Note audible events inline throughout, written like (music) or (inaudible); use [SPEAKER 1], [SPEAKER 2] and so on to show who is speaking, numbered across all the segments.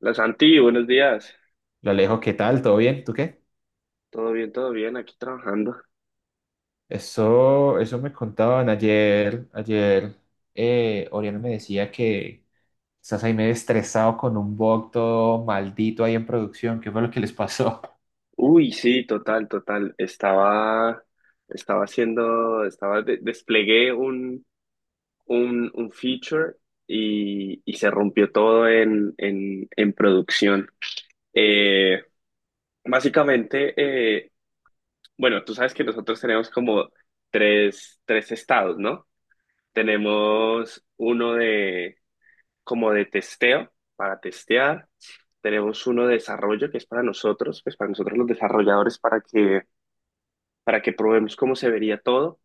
[SPEAKER 1] La Santi, buenos días.
[SPEAKER 2] Lo Alejo, ¿qué tal? ¿Todo bien? ¿Tú qué?
[SPEAKER 1] Todo bien, aquí trabajando.
[SPEAKER 2] Eso me contaban ayer. Oriana me decía que estás ahí medio estresado con un bug todo maldito ahí en producción. ¿Qué fue lo que les pasó? (laughs)
[SPEAKER 1] Uy, sí, total, total. Estaba, estaba haciendo, estaba, de- Desplegué un feature y, se rompió todo en producción. Eh, Básicamente, eh, bueno, tú sabes que nosotros tenemos como tres estados, ¿no? Tenemos uno como de testeo, para testear. Tenemos uno de desarrollo que es para nosotros, pues para nosotros los desarrolladores, para que probemos cómo se vería todo.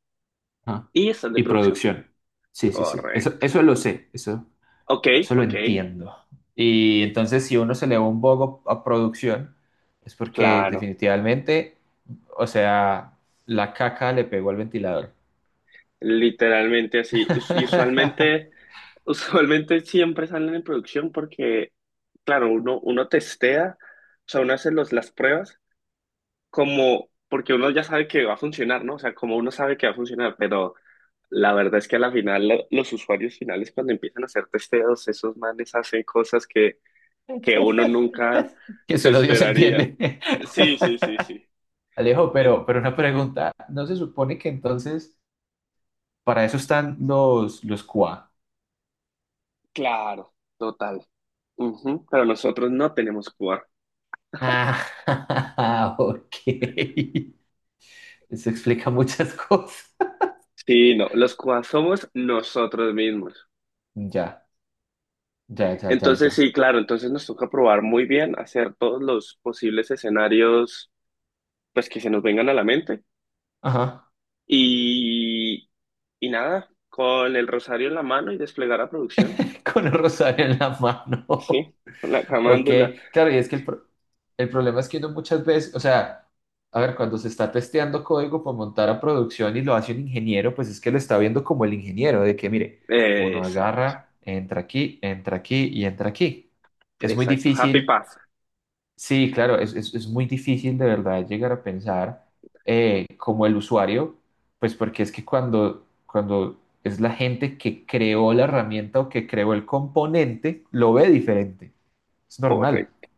[SPEAKER 2] Ah,
[SPEAKER 1] Y está el de
[SPEAKER 2] y
[SPEAKER 1] producción.
[SPEAKER 2] producción. Sí, sí, sí. Eso,
[SPEAKER 1] Correcto.
[SPEAKER 2] eso lo sé, eso,
[SPEAKER 1] Ok,
[SPEAKER 2] eso lo
[SPEAKER 1] ok,
[SPEAKER 2] entiendo. Y entonces, si uno se le va un bug a producción, es porque
[SPEAKER 1] claro.
[SPEAKER 2] definitivamente, o sea, la caca le pegó al ventilador.
[SPEAKER 1] Literalmente así. Y usualmente, (laughs) usualmente siempre salen en producción porque, claro, uno testea, o sea, uno hace las pruebas como, porque uno ya sabe que va a funcionar, ¿no? O sea, como uno sabe que va a funcionar, pero la verdad es que a la final los usuarios finales cuando empiezan a hacer testeos, esos manes hacen cosas que uno
[SPEAKER 2] (laughs)
[SPEAKER 1] nunca
[SPEAKER 2] Que
[SPEAKER 1] se
[SPEAKER 2] solo Dios
[SPEAKER 1] esperaría.
[SPEAKER 2] entiende. (laughs)
[SPEAKER 1] Sí, sí, sí, sí.
[SPEAKER 2] Alejo,
[SPEAKER 1] El-
[SPEAKER 2] pero una pregunta, ¿no se supone que entonces para eso están los QA?
[SPEAKER 1] claro, total. Ujú, pero nosotros no tenemos QA.
[SPEAKER 2] Ah, (laughs) ok. Eso explica muchas (laughs) cosas.
[SPEAKER 1] Sí, no, los QA somos nosotros mismos.
[SPEAKER 2] Ya, ya, ya, ya,
[SPEAKER 1] Entonces,
[SPEAKER 2] ya.
[SPEAKER 1] sí, claro, entonces nos toca probar muy bien, hacer todos los posibles escenarios pues que se nos vengan a la mente.
[SPEAKER 2] Ajá.
[SPEAKER 1] Y, nada, con el rosario en la mano y desplegar a producción.
[SPEAKER 2] Con el rosario en la mano.
[SPEAKER 1] Sí, la
[SPEAKER 2] Ok,
[SPEAKER 1] camándula.
[SPEAKER 2] claro, y es que el problema es que uno muchas veces, o sea, a ver, cuando se está testeando código para montar a producción y lo hace un ingeniero, pues es que lo está viendo como el ingeniero, de que mire, uno
[SPEAKER 1] Exacto,
[SPEAKER 2] agarra, entra aquí y entra aquí. Es muy
[SPEAKER 1] exacto. Happy
[SPEAKER 2] difícil,
[SPEAKER 1] pasa.
[SPEAKER 2] sí, claro, es, es muy difícil de verdad llegar a pensar como el usuario, pues porque es que cuando es la gente que creó la herramienta o que creó el componente, lo ve diferente, es normal.
[SPEAKER 1] Correcto,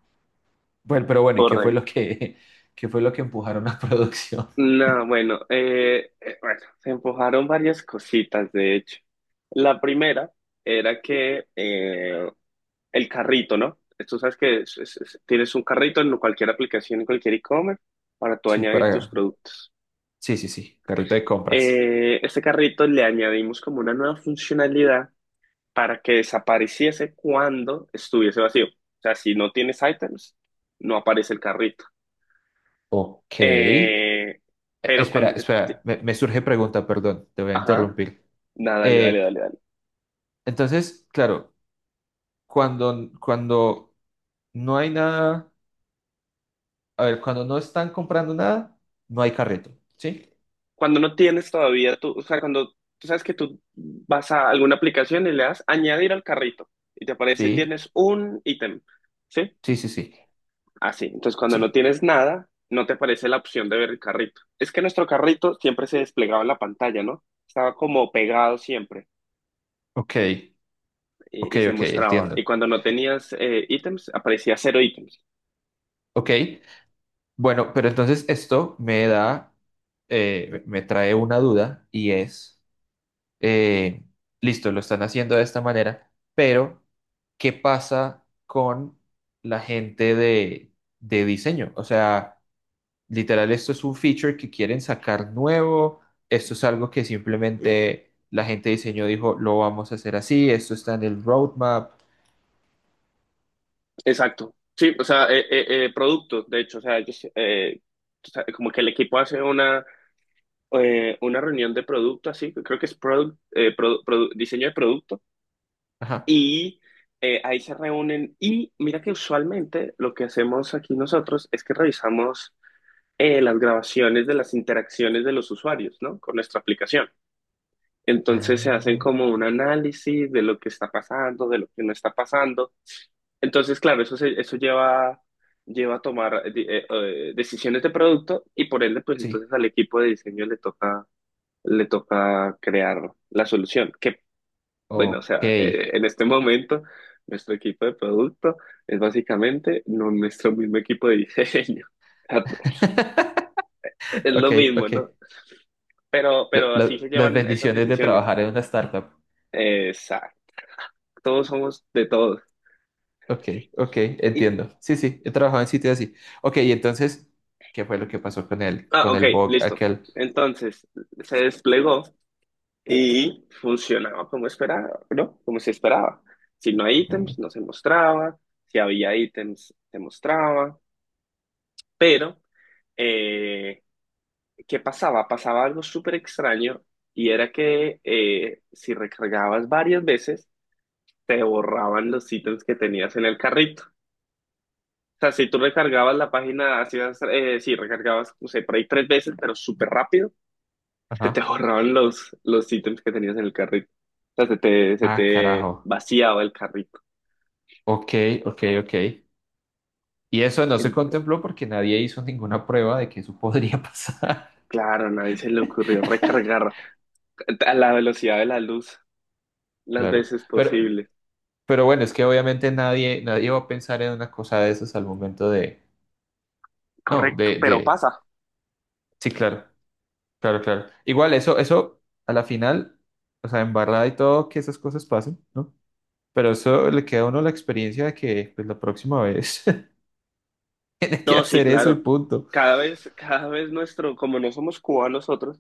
[SPEAKER 2] Bueno, pero bueno, ¿y qué fue lo
[SPEAKER 1] correcto.
[SPEAKER 2] que, (laughs) qué fue lo que empujaron a (laughs) producción?
[SPEAKER 1] No, bueno, bueno, se empujaron varias cositas, de hecho. La primera era que el carrito, ¿no? Tú sabes que tienes un carrito en cualquier aplicación, en cualquier e-commerce, para tú
[SPEAKER 2] Sí,
[SPEAKER 1] añadir tus
[SPEAKER 2] para...
[SPEAKER 1] productos.
[SPEAKER 2] Sí, sí, sí, carrito de compras.
[SPEAKER 1] Este carrito le añadimos como una nueva funcionalidad para que desapareciese cuando estuviese vacío. O sea, si no tienes items, no aparece el carrito.
[SPEAKER 2] Ok.
[SPEAKER 1] Eh, pero
[SPEAKER 2] Espera,
[SPEAKER 1] cuando ya te-
[SPEAKER 2] espera, me surge pregunta, perdón, te voy a
[SPEAKER 1] ajá,
[SPEAKER 2] interrumpir.
[SPEAKER 1] nada, dale, dale,
[SPEAKER 2] Eh,
[SPEAKER 1] dale, dale.
[SPEAKER 2] entonces, claro, cuando no hay nada, a ver, cuando no están comprando nada, no hay carrito, ¿sí?
[SPEAKER 1] Cuando no tienes todavía tú, o sea, cuando tú sabes que tú vas a alguna aplicación y le das añadir al carrito y te aparece
[SPEAKER 2] Sí,
[SPEAKER 1] tienes un ítem, ¿sí?
[SPEAKER 2] sí, sí, sí,
[SPEAKER 1] Así. Entonces, cuando no
[SPEAKER 2] sí.
[SPEAKER 1] tienes nada, no te aparece la opción de ver el carrito. Es que nuestro carrito siempre se desplegaba en la pantalla, ¿no? Estaba como pegado siempre.
[SPEAKER 2] Ok, ok,
[SPEAKER 1] Y, se
[SPEAKER 2] ok,
[SPEAKER 1] mostraba. Y
[SPEAKER 2] entiendo.
[SPEAKER 1] cuando no tenías ítems, aparecía cero ítems.
[SPEAKER 2] Ok, bueno, pero entonces esto me da, me trae una duda y es, eh, listo, lo están haciendo de esta manera, pero ¿qué pasa con la gente de diseño? O sea, literal, esto es un feature que quieren sacar nuevo, esto es algo que simplemente la gente de diseño dijo, lo vamos a hacer así, esto está en el roadmap.
[SPEAKER 1] Exacto. Sí, o sea, productos, de hecho, o sea, ellos, o sea, como que el equipo hace una reunión de producto, así, creo que es product, produ- diseño de producto,
[SPEAKER 2] Ajá.
[SPEAKER 1] y ahí se reúnen. Y mira que usualmente lo que hacemos aquí nosotros es que revisamos las grabaciones de las interacciones de los usuarios, ¿no? Con nuestra aplicación. Entonces se
[SPEAKER 2] Ah,
[SPEAKER 1] hacen como un análisis de lo que está pasando, de lo que no está pasando. Entonces, claro, eso lleva, lleva a tomar decisiones de producto y por ende, pues
[SPEAKER 2] sí.
[SPEAKER 1] entonces al equipo de diseño le toca crear la solución. Que, bueno, o
[SPEAKER 2] Ok.
[SPEAKER 1] sea, en este momento nuestro equipo de producto es básicamente no nuestro mismo equipo de diseño. (laughs)
[SPEAKER 2] (laughs)
[SPEAKER 1] Es
[SPEAKER 2] Ok,
[SPEAKER 1] lo mismo,
[SPEAKER 2] ok.
[SPEAKER 1] ¿no? Pero así se
[SPEAKER 2] Las
[SPEAKER 1] llevan esas
[SPEAKER 2] bendiciones de
[SPEAKER 1] decisiones.
[SPEAKER 2] trabajar en una startup.
[SPEAKER 1] Exacto. Todos somos de todos.
[SPEAKER 2] Ok, ok,
[SPEAKER 1] Y,
[SPEAKER 2] entiendo. Sí, sí, he trabajado en sitios así. Ok, y entonces, ¿qué fue lo que pasó
[SPEAKER 1] ah,
[SPEAKER 2] con
[SPEAKER 1] ok,
[SPEAKER 2] el bug
[SPEAKER 1] listo.
[SPEAKER 2] aquel?
[SPEAKER 1] Entonces se desplegó y funcionaba como esperaba, ¿no? Como se esperaba. Si no hay ítems,
[SPEAKER 2] Ujú.
[SPEAKER 1] no se mostraba. Si había ítems, se mostraba. Pero, eh, ¿qué pasaba? Pasaba algo súper extraño y era que si recargabas varias veces, te borraban los ítems que tenías en el carrito. O sea, si tú recargabas la página, hacías, si recargabas, no sé, por ahí tres veces, pero súper rápido se te
[SPEAKER 2] Ajá.
[SPEAKER 1] ahorraban los ítems que tenías en el carrito. O sea, se
[SPEAKER 2] Ah,
[SPEAKER 1] te
[SPEAKER 2] carajo.
[SPEAKER 1] vaciaba el carrito.
[SPEAKER 2] Ok, ok, ok. Y eso no se
[SPEAKER 1] Ent-
[SPEAKER 2] contempló porque nadie hizo ninguna prueba de que eso podría (laughs) pasar.
[SPEAKER 1] claro, a nadie se le ocurrió recargar a la velocidad de la luz las
[SPEAKER 2] Claro.
[SPEAKER 1] veces posible.
[SPEAKER 2] Pero bueno, es que obviamente nadie, nadie va a pensar en una cosa de esas al momento de... No,
[SPEAKER 1] Correcto, pero
[SPEAKER 2] de...
[SPEAKER 1] pasa.
[SPEAKER 2] Sí, claro. Claro, claro. Igual eso, eso a la final, o sea, embarrada y todo, que esas cosas pasen, ¿no? Pero eso le queda a uno la experiencia de que pues la próxima vez (laughs) tiene que
[SPEAKER 1] No, sí,
[SPEAKER 2] hacer eso y
[SPEAKER 1] claro.
[SPEAKER 2] punto.
[SPEAKER 1] Cada vez nuestro, como no somos cubanos nosotros,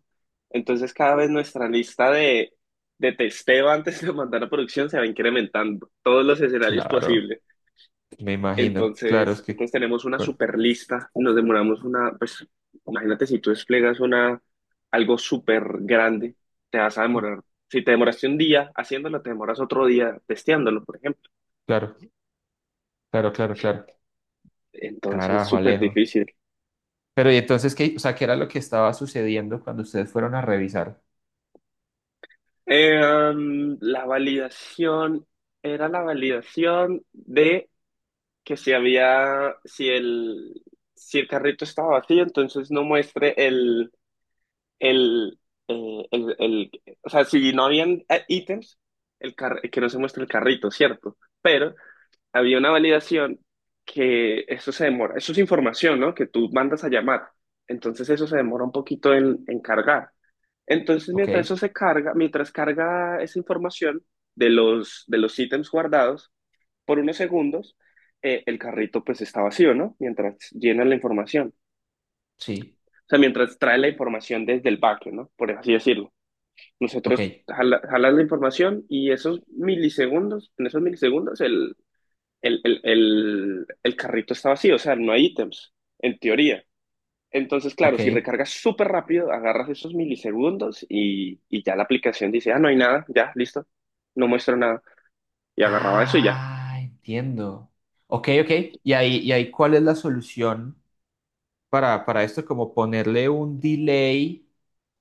[SPEAKER 1] entonces cada vez nuestra lista de testeo antes de mandar a producción se va incrementando. Todos los escenarios
[SPEAKER 2] Claro,
[SPEAKER 1] posibles.
[SPEAKER 2] me imagino. Claro, es que
[SPEAKER 1] Entonces tenemos una
[SPEAKER 2] con-
[SPEAKER 1] super lista, nos demoramos una, pues imagínate si tú desplegas una, algo súper grande, te vas a demorar, si te demoraste un día haciéndolo, te demoras otro día testeándolo, por ejemplo.
[SPEAKER 2] claro, claro, claro, claro.
[SPEAKER 1] Entonces,
[SPEAKER 2] Carajo,
[SPEAKER 1] súper
[SPEAKER 2] Alejo.
[SPEAKER 1] difícil.
[SPEAKER 2] Pero y entonces qué, o sea, ¿qué era lo que estaba sucediendo cuando ustedes fueron a revisar?
[SPEAKER 1] Eh, um, la validación Era la validación de que si había, si el carrito estaba vacío, entonces no muestre el, eh, el, el- o sea, si no habían ítems, que no se muestra el carrito, ¿cierto? Pero había una validación que eso se demora, eso es información, ¿no? Que tú mandas a llamar. Entonces eso se demora un poquito en cargar. Entonces
[SPEAKER 2] Ok,
[SPEAKER 1] mientras eso se carga, mientras carga esa información de los ítems guardados por unos segundos, el carrito pues está vacío, ¿no? Mientras llena la información.
[SPEAKER 2] sí,
[SPEAKER 1] O sea, mientras trae la información desde el backend, ¿no? Por así decirlo.
[SPEAKER 2] ok,
[SPEAKER 1] Nosotros jalas la información y esos milisegundos, en esos milisegundos, el carrito está vacío, o sea, no hay ítems, en teoría. Entonces, claro,
[SPEAKER 2] ok.
[SPEAKER 1] si recargas súper rápido, agarras esos milisegundos y, ya la aplicación dice, ah, no hay nada, ya, listo, no muestra nada. Y agarraba eso y ya.
[SPEAKER 2] Ah, entiendo. Ok, ok. Y ahí cuál es la solución? Para esto, como ponerle un delay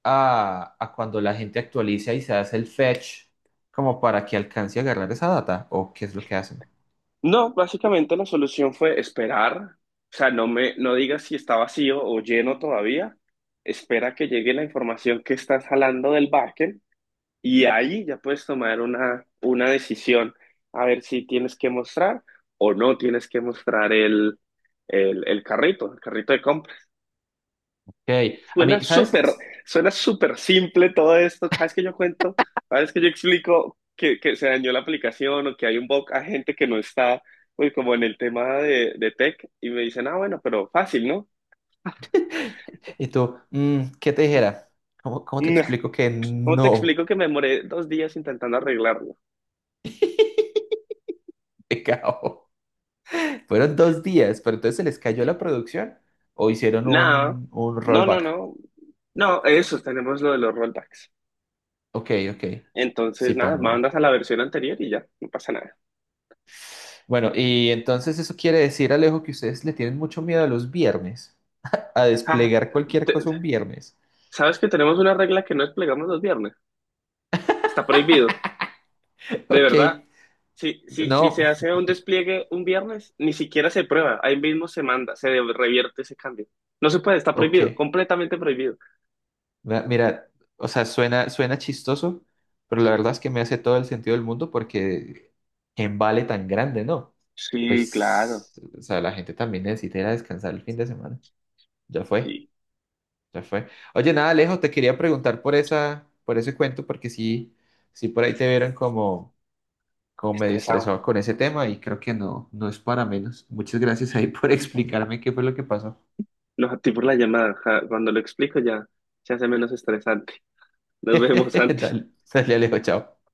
[SPEAKER 2] a cuando la gente actualiza y se hace el fetch, como para que alcance a agarrar esa data, o qué es lo que hacen.
[SPEAKER 1] No, básicamente la solución fue esperar, o sea, no digas si está vacío o lleno todavía, espera que llegue la información que estás jalando del backend. Y ahí ya puedes tomar una decisión, a ver si tienes que mostrar o no tienes que mostrar el carrito de compra.
[SPEAKER 2] Ok, a
[SPEAKER 1] Suena
[SPEAKER 2] mí,
[SPEAKER 1] súper,
[SPEAKER 2] ¿sabes?
[SPEAKER 1] suena súper simple todo esto. Cada vez que yo cuento, cada vez que yo explico que se dañó la aplicación o que hay un bug, a gente que no está pues, como en el tema de tech y me dicen, ah, bueno, pero fácil, ¿no? (laughs)
[SPEAKER 2] (laughs) Y tú, ¿qué te dijera? ¿Cómo, cómo te
[SPEAKER 1] No.
[SPEAKER 2] explico que
[SPEAKER 1] ¿Cómo te
[SPEAKER 2] no?
[SPEAKER 1] explico que me demoré dos días intentando arreglarlo?
[SPEAKER 2] (laughs) Pecado. Fueron dos días, pero entonces se les cayó la producción o hicieron
[SPEAKER 1] Nada,
[SPEAKER 2] un
[SPEAKER 1] no, no,
[SPEAKER 2] rollback.
[SPEAKER 1] no, no, eso, tenemos lo de los rollbacks.
[SPEAKER 2] Ok, ok.
[SPEAKER 1] Entonces,
[SPEAKER 2] Sí, pa,
[SPEAKER 1] nada, mandas
[SPEAKER 2] no.
[SPEAKER 1] a la versión anterior y ya, no pasa nada.
[SPEAKER 2] Bueno, y entonces eso quiere decir, Alejo, que ustedes le tienen mucho miedo a los viernes, a
[SPEAKER 1] Ah,
[SPEAKER 2] desplegar cualquier
[SPEAKER 1] te-
[SPEAKER 2] cosa un viernes.
[SPEAKER 1] ¿sabes que tenemos una regla que no desplegamos los viernes? Está prohibido,
[SPEAKER 2] (laughs)
[SPEAKER 1] de
[SPEAKER 2] Ok,
[SPEAKER 1] verdad. Si
[SPEAKER 2] no,
[SPEAKER 1] se hace un despliegue un viernes, ni siquiera se prueba, ahí mismo se manda, se revierte ese cambio. No se puede, está
[SPEAKER 2] ok.
[SPEAKER 1] prohibido, completamente prohibido.
[SPEAKER 2] Mira, o sea, suena, suena chistoso, pero la verdad es que me hace todo el sentido del mundo porque en vale tan grande, ¿no?
[SPEAKER 1] Sí, claro,
[SPEAKER 2] Pues, o sea, la gente también necesita ir a descansar el fin de semana. Ya fue,
[SPEAKER 1] sí,
[SPEAKER 2] ya fue. Oye, nada, Alejo, te quería preguntar por esa, por ese cuento porque sí, sí por ahí te vieron como, como medio
[SPEAKER 1] estresado.
[SPEAKER 2] estresado con ese tema y creo que no, no es para menos. Muchas gracias ahí por (laughs) explicarme qué fue lo que pasó.
[SPEAKER 1] No, a ti por la llamada, ja, cuando lo explico ya se hace menos estresante. Nos vemos,
[SPEAKER 2] (laughs)
[SPEAKER 1] Santi.
[SPEAKER 2] Dale, sale Alejo, chao.